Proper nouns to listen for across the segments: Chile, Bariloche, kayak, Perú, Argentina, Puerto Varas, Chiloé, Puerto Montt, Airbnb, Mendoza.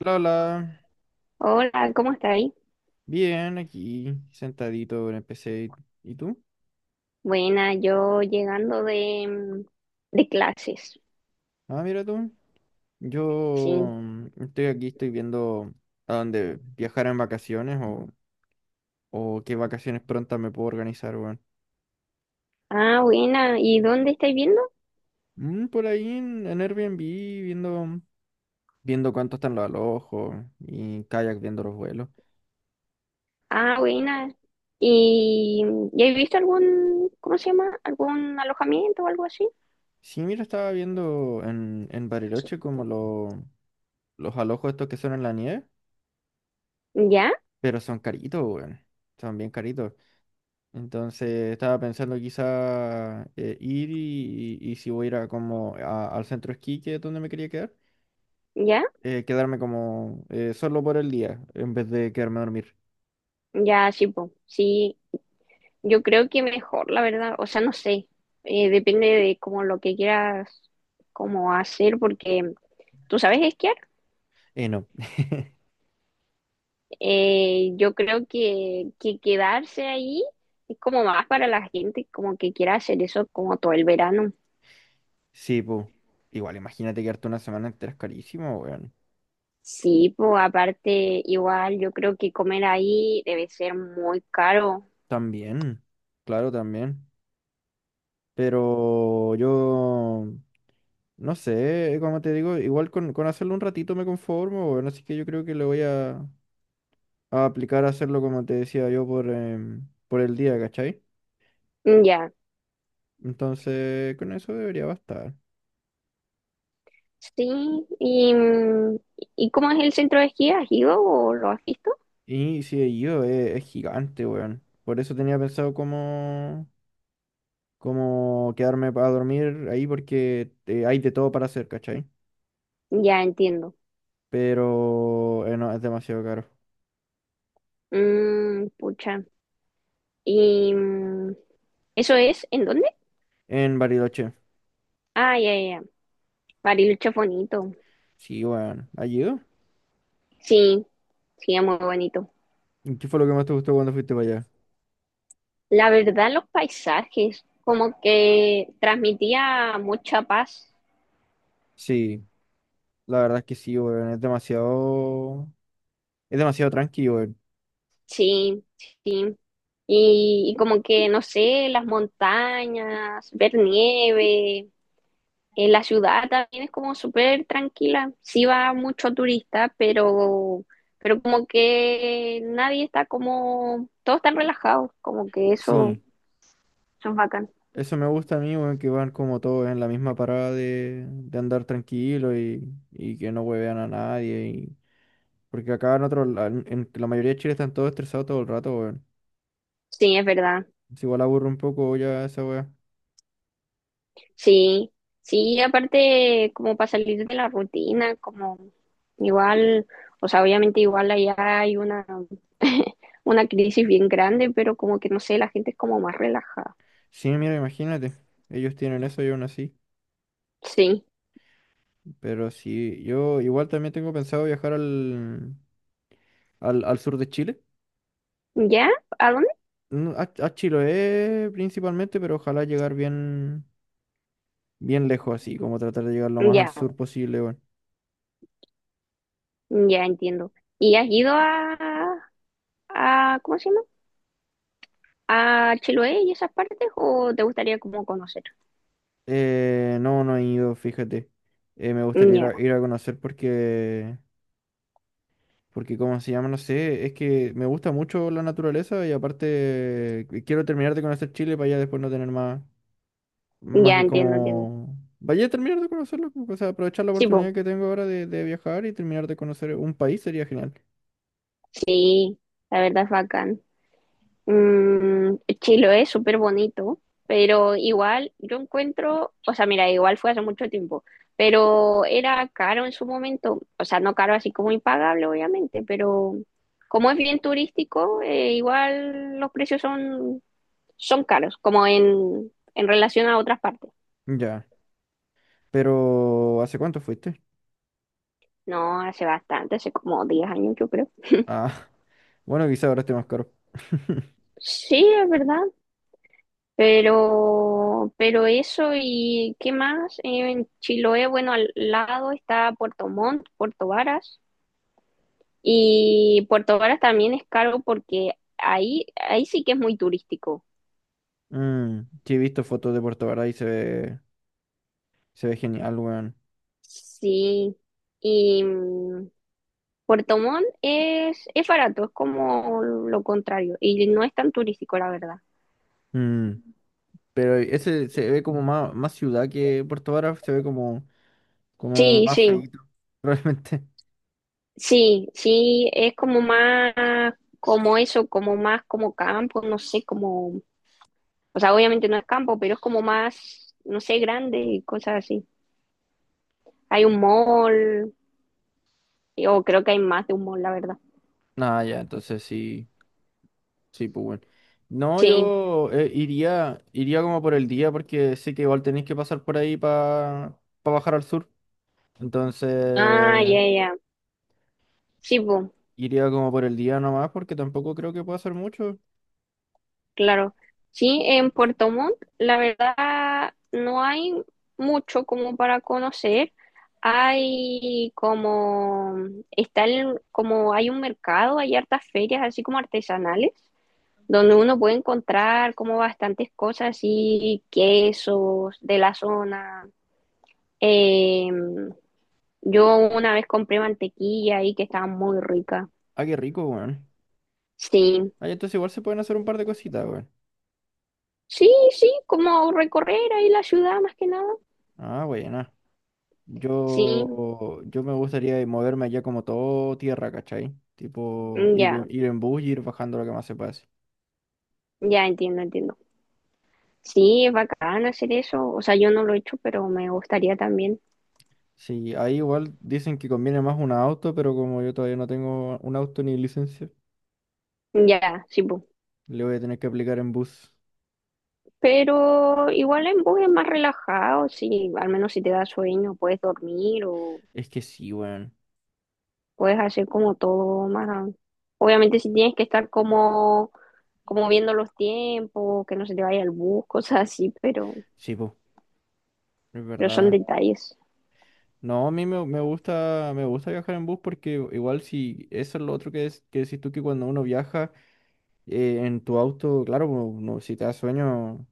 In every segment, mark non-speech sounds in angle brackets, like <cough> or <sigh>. Hola, hola. Hola, ¿cómo estáis? Bien, aquí, sentadito en el PC. ¿Y tú? Buena, yo llegando de, de clases, Ah, mira tú. Yo sí. Estoy aquí, estoy viendo a dónde viajar en vacaciones o qué vacaciones prontas me puedo organizar, weón. Ah, buena, ¿y dónde estáis viendo? Mm, por ahí en Airbnb, viendo cuánto están los alojos y en kayak viendo los vuelos. Ah, buena. ¿Y ya has visto algún, cómo se llama? ¿Algún alojamiento o algo así? Sí, mira, estaba viendo en Bariloche como los alojos estos que son en la nieve, ¿Ya? pero son caritos, weón. Son bien caritos. Entonces estaba pensando quizá ir y si voy a ir a como al centro esquí que es donde me quería quedar, ¿Ya? Quedarme como solo por el día en vez de quedarme a dormir. Ya, sí, po. Sí, yo creo que mejor, la verdad. O sea, no sé, depende de como lo que quieras como hacer, porque, ¿tú sabes esquiar? No. <laughs> Yo creo que quedarse ahí es como más para la gente como que quiera hacer eso como todo el verano. Sí, pues. Igual, imagínate quedarte una semana entera es carísimo, weón. Sí, pues aparte igual yo creo que comer ahí debe ser muy caro. También. Claro, también. Pero yo no sé, como te digo, igual con hacerlo un ratito me conformo, weón. Así que yo creo que le voy a aplicar a hacerlo como te decía yo por por el día, ¿cachai? Mm, ya, Entonces, con eso debería bastar. sí. ¿Y, y cómo es el centro de esquí? ¿Has ido o lo has visto? Y si he ido, es gigante, weón. Por eso tenía pensado como quedarme para dormir ahí porque hay de todo para hacer, ¿cachai? Ya entiendo. Pero no, es demasiado caro. Mm, pucha. ¿Y eso es en dónde? En Bariloche. Ah, ya, ya, ya. Bariloche es bonito. Sí, weón. ¿Has ido? Sí, sí, es muy bonito. ¿Y qué fue lo que más te gustó cuando fuiste para allá? La verdad, los paisajes, como que transmitía mucha paz, Sí, la verdad es que sí, weón. Es demasiado tranquilo, weón. sí, sí. Y como que, no sé, las montañas, ver nieve, en la ciudad también es como súper tranquila. Sí va mucho turista, pero como que nadie está como, todos están relajados, como que eso, Sí. eso es bacán. Eso me gusta a mí, weón, que van como todos en la misma parada de andar tranquilo y que no huevean a nadie. Porque acá en otro, en la mayoría de Chile están todos estresados todo el rato, weón. Sí, es verdad. Es igual aburre un poco ya esa weá. Sí, sí, aparte como para salir de la rutina, como igual, o sea, obviamente igual allá hay una, <laughs> una crisis bien grande, pero como que no sé, la gente es como más relajada. Sí, mira, imagínate. Ellos tienen eso y aún así. Sí. Pero sí, yo igual también tengo pensado viajar al sur de Chile. ¿Ya? ¿A dónde? A Chiloé principalmente, pero ojalá llegar bien lejos así, como tratar de llegar lo más al Ya, sur posible, weón. ya entiendo. ¿Y has ido a, ¿cómo se llama? ¿A Chiloé y esas partes o te gustaría como conocer? No, no he ido, fíjate. Me gustaría ir Ya, ir a conocer porque, ¿cómo se llama? No sé, es que me gusta mucho la naturaleza y aparte que quiero terminar de conocer Chile para ya después no tener más ya que entiendo, entiendo. como... Vaya a terminar de conocerlo, o sea, aprovechar la Sí, pues, oportunidad que tengo ahora de viajar y terminar de conocer un país sería genial. sí, la verdad es bacán. Mm, Chiloé es súper bonito, pero igual yo encuentro, o sea, mira, igual fue hace mucho tiempo, pero era caro en su momento, o sea, no caro así como impagable, obviamente, pero como es bien turístico, igual los precios son, son caros, como en relación a otras partes. Ya, pero ¿hace cuánto fuiste? No, hace bastante, hace como 10 años yo creo. Ah, <laughs> bueno, quizá ahora esté más caro. <laughs> Sí, es verdad. Pero eso y qué más. En Chiloé, bueno, al lado está Puerto Montt, Puerto Varas, y Puerto Varas también es caro porque ahí, ahí sí que es muy turístico. Mm, sí, he visto fotos de Puerto Varas y se se ve genial, weón. Sí, y Puerto Montt es barato, es como lo contrario, y no es tan turístico, la verdad. Mm, pero ese se ve como más ciudad que Puerto Vara, se ve como Sí, más sí, feíto, <laughs> probablemente. sí, sí, es como más, como eso, como más como campo, no sé, como o sea, obviamente no es campo, pero es como más, no sé, grande y cosas así. Hay un mall, o creo que hay más de un mall, la verdad. Ah ya, entonces sí, sí, pues bueno. No, Sí. yo iría como por el día porque sé que igual tenéis que pasar por ahí para bajar al sur. Ah, Entonces ya, ya. Sí, pues, iría como por el día nomás porque tampoco creo que pueda hacer mucho. claro. Sí, en Puerto Montt, la verdad, no hay mucho como para conocer. Hay como, está como, hay un mercado, hay hartas ferias así como artesanales, donde uno puede encontrar como bastantes cosas así, quesos de la zona. Eh, yo una vez compré mantequilla ahí que estaba muy rica. Ah, qué rico, weón. Sí, Ah, ya, entonces igual se pueden hacer un par de cositas, weón. sí, sí, como recorrer ahí la ciudad más que nada. Ah, bueno. Sí, Yo me gustaría moverme allá como todo tierra, ¿cachai? Tipo, ya, ir en bus y ir bajando lo que más se pase. ya entiendo, entiendo. Sí, es bacán hacer eso. O sea, yo no lo he hecho, pero me gustaría también. Sí, ahí igual dicen que conviene más un auto, pero como yo todavía no tengo un auto ni licencia, Ya, sí, po. le voy a tener que aplicar en bus. Pero igual en bus es más relajado, sí, al menos si te da sueño, puedes dormir o Es que sí, weón. puedes hacer como todo más. Obviamente si tienes que estar como como viendo los tiempos, que no se te vaya el bus, cosas así, Sí, po, es pero son verdad. detalles. No, a me gusta viajar en bus porque igual si eso es lo otro que decís tú que cuando uno viaja en tu auto, claro, po, no, si te da sueño.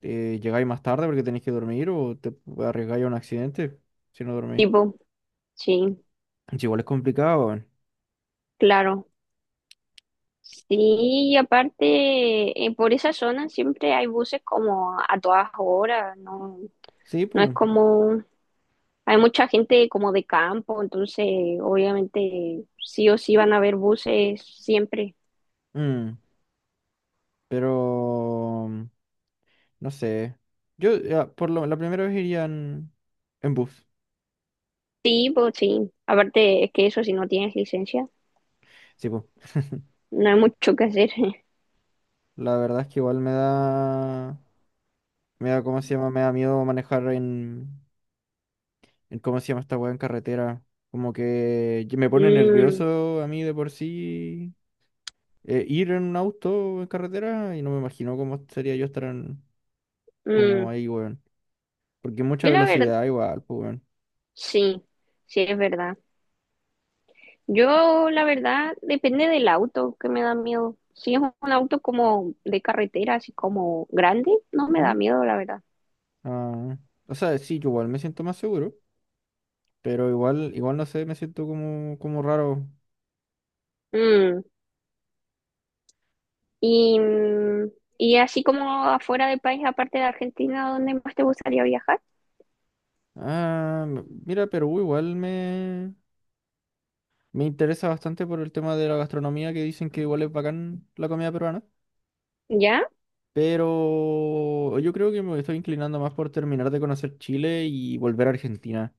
Llegáis más tarde porque tenéis que dormir o te arriesgáis a un accidente si no dormís. Tipo, sí, Es igual es complicado, weón. claro. Sí, y aparte, por esa zona siempre hay buses como a todas horas, no, Sí, no es pues. como, hay mucha gente como de campo, entonces obviamente sí o sí van a haber buses siempre. mm, pero no sé. Yo ya, por lo, la primera vez iría en bus. Sí, pues sí, aparte es que eso si no tienes licencia, Sí, pues. <laughs> no hay mucho que hacer. <laughs> La verdad es que igual me da. Me da, ¿cómo se llama? Me da miedo manejar en. En ¿cómo se llama esta weá en carretera? Como que me pone Mm, nervioso a mí de por sí ir en un auto en carretera y no me imagino cómo sería yo estar en, como mm. ahí, weón. Porque mucha Yo la verdad velocidad igual, pues, weón. sí, sí, es verdad. Yo, la verdad, depende del auto que me da miedo. Si es un auto como de carretera, así como grande, no me da ¿Mm? miedo, la verdad. Ah, o sea, sí, yo igual me siento más seguro, pero igual no sé, me siento como raro. Mm, y, y así como afuera del país, aparte de Argentina, ¿dónde más te gustaría viajar? Ah, mira, Perú igual me interesa bastante por el tema de la gastronomía, que dicen que igual es bacán la comida peruana. ¿Ya? Pero yo creo que me estoy inclinando más por terminar de conocer Chile y volver a Argentina.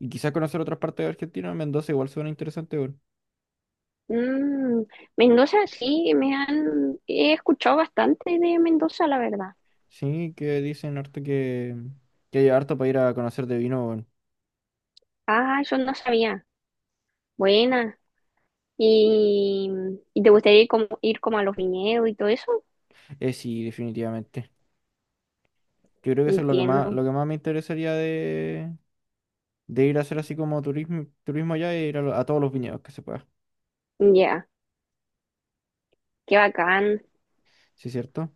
Y quizás conocer otras partes de Argentina, Mendoza igual suena interesante, weón. Mm, Mendoza, sí, me han, he escuchado bastante de Mendoza, la verdad. Sí, que dicen harto que hay harto para ir a conocer de vino, bueno. Ah, eso no sabía. Buena. ¿Y, y te gustaría ir como a los viñedos y todo eso? Sí, definitivamente. Yo creo que eso es Entiendo. lo que más me interesaría de ir a hacer así como turismo, turismo allá e ir a todos los viñedos que se pueda. Ya, qué bacán, Sí, cierto.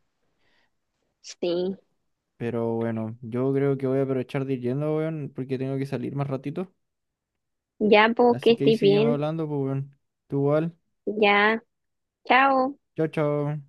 sí. Pero bueno, yo creo que voy a aprovechar de ir yendo, weón, porque tengo que salir más ratito. Ya, pues, que Así que ahí estés seguimos bien. hablando, pues, weón. Tú igual. Ya, chao. Chao, chao.